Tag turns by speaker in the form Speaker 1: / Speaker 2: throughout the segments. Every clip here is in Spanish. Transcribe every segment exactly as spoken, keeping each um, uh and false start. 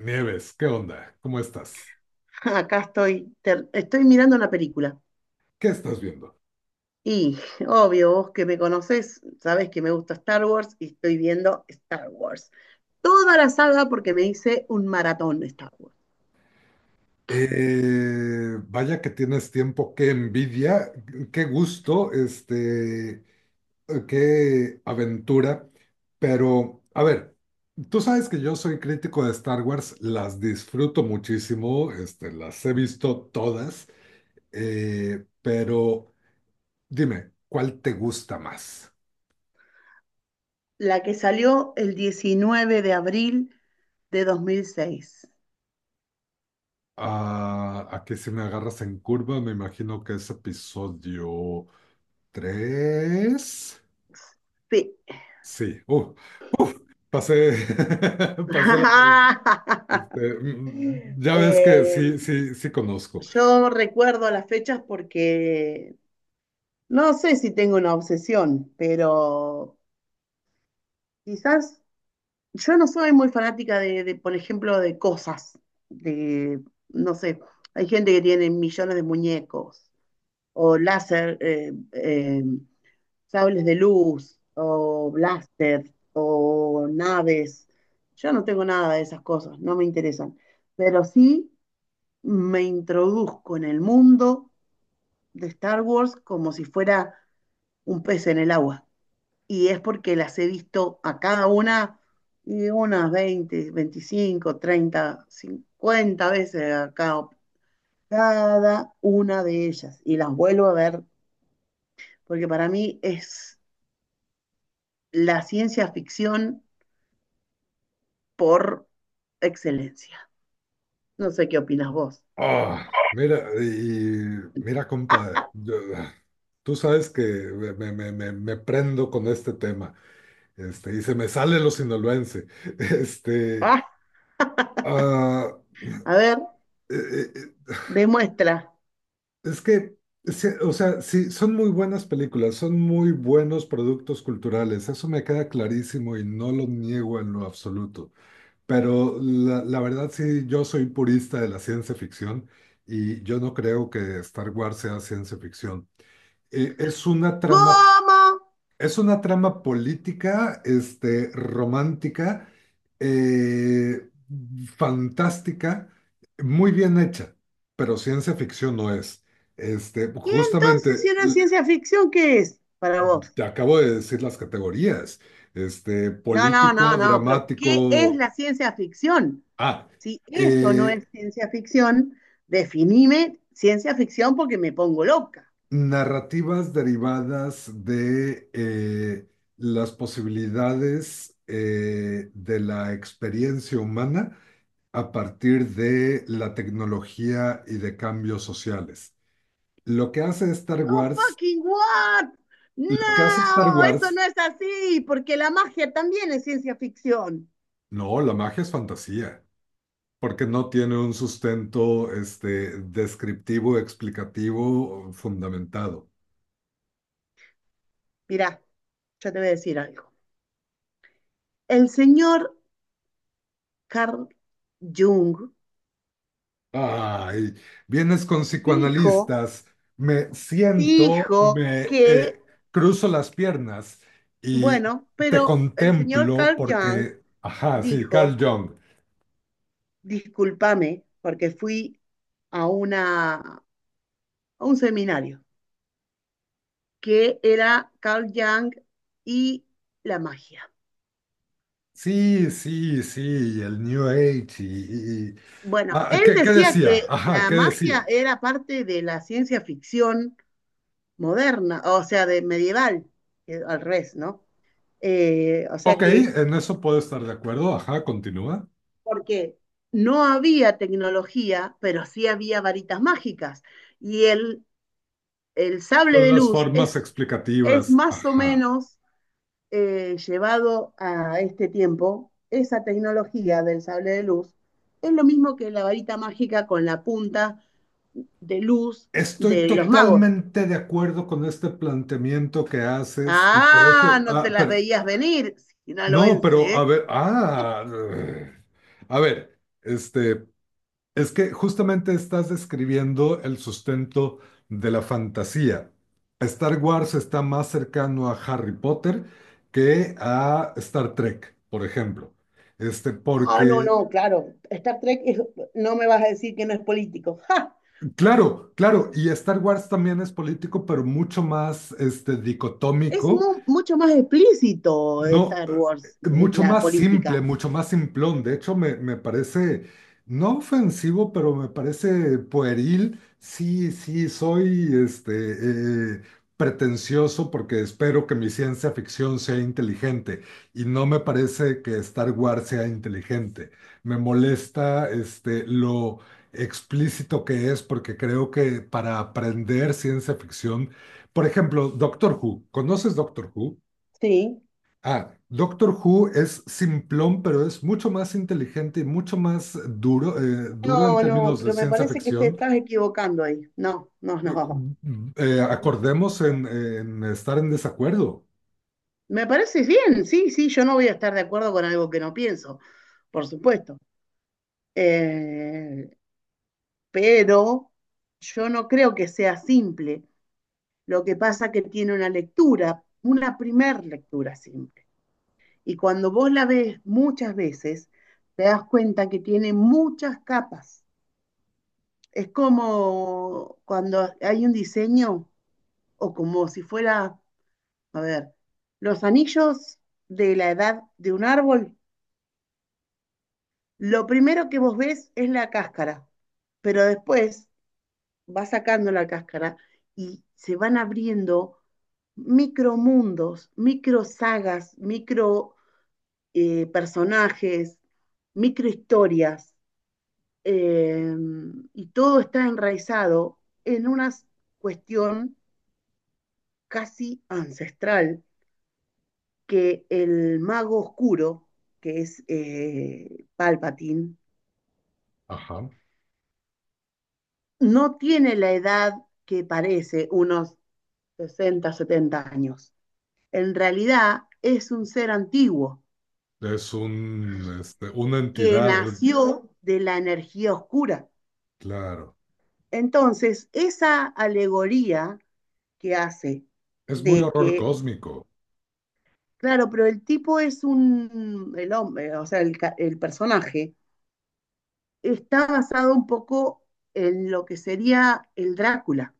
Speaker 1: Nieves, ¿qué onda? ¿Cómo estás?
Speaker 2: Acá estoy, ter- estoy mirando una película.
Speaker 1: ¿Qué estás viendo?
Speaker 2: Y obvio, vos que me conocés, sabés que me gusta Star Wars y estoy viendo Star Wars. Toda la saga porque me hice un maratón de Star Wars.
Speaker 1: Eh, vaya que tienes tiempo, qué envidia, qué gusto, este, qué aventura. Pero, a ver, tú sabes que yo soy crítico de Star Wars, las disfruto muchísimo, este, las he visto todas, eh, pero dime, ¿cuál te gusta más?
Speaker 2: La que salió el diecinueve de abril de dos mil seis.
Speaker 1: Ah, aquí si me agarras en curva, me imagino que es episodio. Tres.
Speaker 2: Sí.
Speaker 1: Sí. Uh, uf, pasé, pasé la... este, mm, ya ves que
Speaker 2: Eh,
Speaker 1: sí, sí, sí conozco.
Speaker 2: yo recuerdo las fechas porque no sé si tengo una obsesión, pero quizás yo no soy muy fanática de, de, por ejemplo, de cosas, de, no sé, hay gente que tiene millones de muñecos, o láser, eh, eh, sables de luz, o blaster, o naves. Yo no tengo nada de esas cosas, no me interesan. Pero sí me introduzco en el mundo de Star Wars como si fuera un pez en el agua, y es porque las he visto a cada una y unas veinte, veinticinco, treinta, cincuenta veces a cada, cada una de ellas, y las vuelvo a ver porque para mí es la ciencia ficción por excelencia. No sé qué opinas vos.
Speaker 1: Ah, mira, y mira, compa, yo- tú sabes que me, me- me- me- prendo con este tema, este, y se me sale lo sinaloense. Este,
Speaker 2: Ah,
Speaker 1: ah,
Speaker 2: a ver,
Speaker 1: eh, eh,
Speaker 2: demuestra.
Speaker 1: Es que, se- o sea, sí, son muy buenas películas, son muy buenos productos culturales, eso me queda clarísimo y no lo niego en lo absoluto. Pero la, la verdad sí, yo soy purista de la ciencia ficción y yo no creo que Star Wars sea ciencia ficción. Eh, es una trama
Speaker 2: ¿Cómo?
Speaker 1: es una trama política, este, romántica, eh, fantástica, muy bien hecha, pero ciencia ficción no es. Este,
Speaker 2: ¿Y entonces si
Speaker 1: justamente,
Speaker 2: no es
Speaker 1: l-
Speaker 2: ciencia ficción, qué es para vos?
Speaker 1: te acabo de decir las categorías. Este,
Speaker 2: No, no, no,
Speaker 1: político,
Speaker 2: no, pero ¿qué es
Speaker 1: dramático.
Speaker 2: la ciencia ficción?
Speaker 1: Ah,
Speaker 2: Si eso no
Speaker 1: eh,
Speaker 2: es ciencia ficción, definime ciencia ficción porque me pongo loca.
Speaker 1: narrativas derivadas de eh, las posibilidades eh, de la experiencia humana a partir de la tecnología y de cambios sociales. Lo que hace Star
Speaker 2: Oh,
Speaker 1: Wars,
Speaker 2: fucking what?
Speaker 1: lo que hace Star
Speaker 2: No, eso
Speaker 1: Wars,
Speaker 2: no es así, porque la magia también es ciencia ficción.
Speaker 1: no, la magia es fantasía, porque no tiene un sustento este, descriptivo, explicativo, fundamentado.
Speaker 2: Mirá, yo te voy a decir algo. El señor Carl Jung
Speaker 1: Ay, vienes con
Speaker 2: dijo,
Speaker 1: psicoanalistas, me siento,
Speaker 2: dijo
Speaker 1: me
Speaker 2: que,
Speaker 1: eh, cruzo las piernas y
Speaker 2: bueno,
Speaker 1: te
Speaker 2: pero el señor
Speaker 1: contemplo
Speaker 2: Carl Jung
Speaker 1: porque, ajá, sí, Carl
Speaker 2: dijo,
Speaker 1: Jung.
Speaker 2: discúlpame, porque fui a, una, a un seminario que era Carl Jung y la magia.
Speaker 1: Sí, sí, sí, y el New Age y... y- y-
Speaker 2: Bueno,
Speaker 1: ah,
Speaker 2: él
Speaker 1: ¿qué, ¿qué
Speaker 2: decía que
Speaker 1: decía? Ajá,
Speaker 2: la
Speaker 1: ¿qué
Speaker 2: magia
Speaker 1: decía?
Speaker 2: era parte de la ciencia ficción moderna, o sea, de medieval, eh, al revés, ¿no? Eh, o sea
Speaker 1: Ok,
Speaker 2: que,
Speaker 1: en eso puedo estar de acuerdo. Ajá, continúa.
Speaker 2: porque no había tecnología, pero sí había varitas mágicas. Y el, el sable
Speaker 1: Son
Speaker 2: de
Speaker 1: las
Speaker 2: luz es,
Speaker 1: formas
Speaker 2: es
Speaker 1: explicativas.
Speaker 2: más o
Speaker 1: Ajá.
Speaker 2: menos eh, llevado a este tiempo, esa tecnología del sable de luz es lo mismo que la varita mágica con la punta de luz
Speaker 1: Estoy
Speaker 2: de los magos.
Speaker 1: totalmente de acuerdo con este planteamiento que haces y por
Speaker 2: Ah,
Speaker 1: eso...
Speaker 2: no te
Speaker 1: Ah,
Speaker 2: las
Speaker 1: pero...
Speaker 2: veías venir,
Speaker 1: No, pero
Speaker 2: sinaloense,
Speaker 1: a
Speaker 2: ¿eh?
Speaker 1: ver... Ah... eh, A ver, este... Es que justamente estás describiendo el sustento de la fantasía. Star Wars está más cercano a Harry Potter que a Star Trek, por ejemplo. Este,
Speaker 2: Ah, no,
Speaker 1: porque,
Speaker 2: no, claro. Star Trek es- no me vas a decir que no es político. ¡Ja!
Speaker 1: claro, claro, y Star Wars también es político, pero mucho más este,
Speaker 2: Es
Speaker 1: dicotómico.
Speaker 2: mu- mucho más explícito, eh,
Speaker 1: No,
Speaker 2: Star Wars,
Speaker 1: eh,
Speaker 2: es
Speaker 1: mucho
Speaker 2: la
Speaker 1: más simple,
Speaker 2: política.
Speaker 1: mucho más simplón. De hecho, me, me parece, no ofensivo, pero me parece pueril. Sí, sí, soy este, eh, pretencioso porque espero que mi ciencia ficción sea inteligente y no me parece que Star Wars sea inteligente. Me molesta este, lo explícito que es porque creo que para aprender ciencia ficción, por ejemplo, Doctor Who, ¿conoces Doctor Who?
Speaker 2: Sí.
Speaker 1: Ah, Doctor Who es simplón, pero es mucho más inteligente y mucho más duro, eh, duro en
Speaker 2: No, no,
Speaker 1: términos de
Speaker 2: pero me
Speaker 1: ciencia
Speaker 2: parece que te
Speaker 1: ficción.
Speaker 2: estás equivocando ahí. No, no, no.
Speaker 1: Eh,
Speaker 2: No,
Speaker 1: acordemos
Speaker 2: no.
Speaker 1: en, en estar en desacuerdo.
Speaker 2: Me parece bien, sí, sí, yo no voy a estar de acuerdo con algo que no pienso, por supuesto. Eh, pero yo no creo que sea simple. Lo que pasa que tiene una lectura, una primer lectura simple. Y cuando vos la ves muchas veces, te das cuenta que tiene muchas capas. Es como cuando hay un diseño o como si fuera, a ver, los anillos de la edad de un árbol. Lo primero que vos ves es la cáscara, pero después vas sacando la cáscara y se van abriendo micromundos, micro sagas, micro eh, personajes, micro historias, eh, y todo está enraizado en una cuestión casi ancestral, que el mago oscuro, que es eh, Palpatine,
Speaker 1: Ajá.
Speaker 2: no tiene la edad que parece, unos sesenta, setenta años. En realidad es un ser antiguo
Speaker 1: Es un, este, una
Speaker 2: que
Speaker 1: entidad,
Speaker 2: nació de la energía oscura.
Speaker 1: claro.
Speaker 2: Entonces, esa alegoría que hace
Speaker 1: Es muy
Speaker 2: de
Speaker 1: horror
Speaker 2: que,
Speaker 1: cósmico,
Speaker 2: claro, pero el tipo es un, el hombre, o sea, el, el personaje, está basado un poco en lo que sería el Drácula,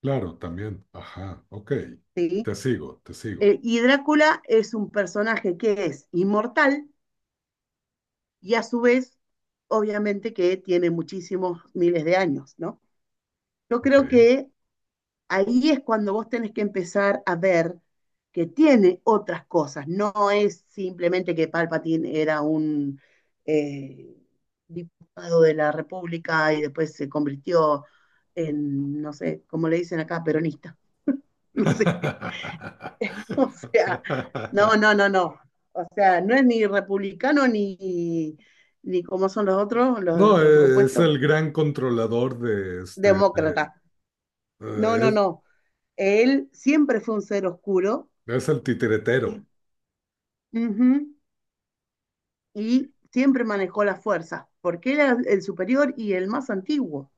Speaker 1: claro, también. Ajá, ok.
Speaker 2: ¿sí?
Speaker 1: Te sigo, te sigo.
Speaker 2: Eh, y Drácula es un personaje que es inmortal, y a su vez, obviamente que tiene muchísimos miles de años, ¿no? Yo
Speaker 1: Ok.
Speaker 2: creo que ahí es cuando vos tenés que empezar a ver que tiene otras cosas, no es simplemente que Palpatine era un eh, diputado de la República y después se convirtió en, no sé, como le dicen acá, peronista, no sé. O sea, no, no, no, no. O sea, no es ni republicano ni, ni como son los otros, los,
Speaker 1: No,
Speaker 2: los
Speaker 1: eh, es
Speaker 2: opuestos,
Speaker 1: el gran controlador de, este, de
Speaker 2: demócrata. No, no,
Speaker 1: Eh,
Speaker 2: no. Él siempre fue un ser oscuro
Speaker 1: Es, es el
Speaker 2: y,
Speaker 1: titiretero.
Speaker 2: ujú, y siempre manejó las fuerzas, porque era el superior y el más antiguo.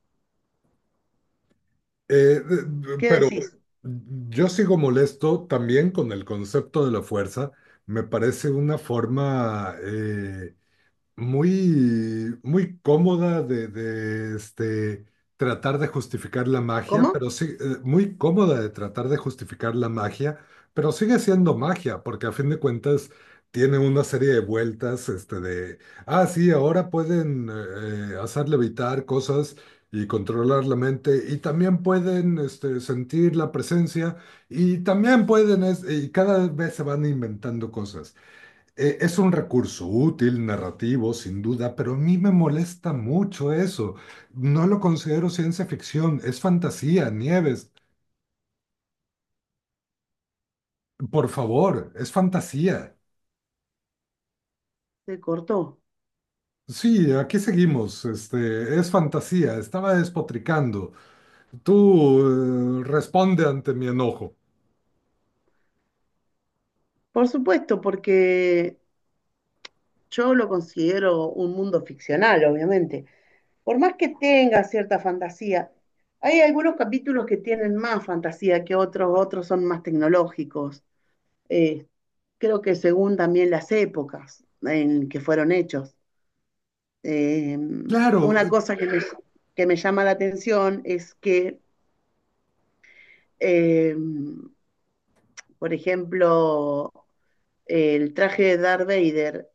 Speaker 1: Eh, de-
Speaker 2: ¿Qué
Speaker 1: pero
Speaker 2: decís?
Speaker 1: yo sigo molesto también con el concepto de la fuerza. Me parece una forma eh, muy, muy cómoda de, de, este, tratar de justificar la magia,
Speaker 2: ¿Cómo?
Speaker 1: pero sí, eh, muy cómoda de tratar de justificar la magia, pero sigue siendo magia, porque a fin de cuentas tiene una serie de vueltas, este, de, ah, sí, ahora pueden eh, hacer levitar cosas, y controlar la mente y también pueden este, sentir la presencia y también pueden es- y cada vez se van inventando cosas. eh, es un recurso útil, narrativo, sin duda, pero a mí me molesta mucho eso. No lo considero ciencia ficción, es fantasía, Nieves. Por favor, es fantasía.
Speaker 2: Se cortó.
Speaker 1: Sí, aquí seguimos. Este, es fantasía. Estaba despotricando. Tú, eh, responde ante mi enojo.
Speaker 2: Por supuesto, porque yo lo considero un mundo ficcional, obviamente, por más que tenga cierta fantasía, hay algunos capítulos que tienen más fantasía que otros, otros son más tecnológicos. Eh, creo que según también las épocas en que fueron hechos. Eh,
Speaker 1: Claro,
Speaker 2: una cosa que me, que me llama la atención es que, eh, por ejemplo, el traje de Darth Vader,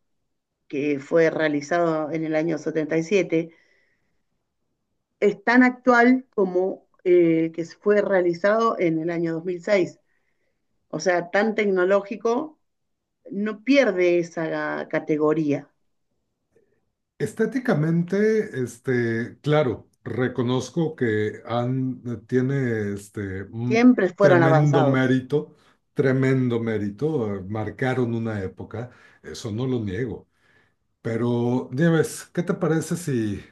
Speaker 2: que fue realizado en el año setenta y siete, es tan actual como el eh, que fue realizado en el año dos mil seis. O sea, tan tecnológico, no pierde esa categoría.
Speaker 1: estéticamente, este, claro, reconozco que han, eh, tiene este, un
Speaker 2: Siempre fueron
Speaker 1: tremendo
Speaker 2: avanzados.
Speaker 1: mérito, tremendo mérito, eh, marcaron una época, eso no lo niego. Pero, Nieves, ¿qué te parece si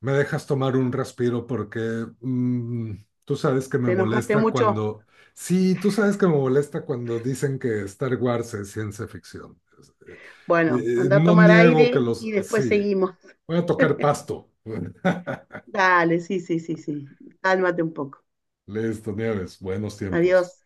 Speaker 1: me dejas tomar un respiro? Porque mm, tú sabes que me
Speaker 2: ¿Te enojaste
Speaker 1: molesta
Speaker 2: mucho?
Speaker 1: cuando, sí, tú sabes que me molesta cuando dicen que Star Wars es ciencia ficción.
Speaker 2: Bueno,
Speaker 1: Eh, eh,
Speaker 2: anda a
Speaker 1: no
Speaker 2: tomar
Speaker 1: niego que
Speaker 2: aire
Speaker 1: los,
Speaker 2: y después
Speaker 1: sí,
Speaker 2: seguimos.
Speaker 1: voy a tocar pasto.
Speaker 2: Dale, sí, sí, sí, sí. Cálmate un poco.
Speaker 1: Listo, Nieves, buenos
Speaker 2: Adiós.
Speaker 1: tiempos.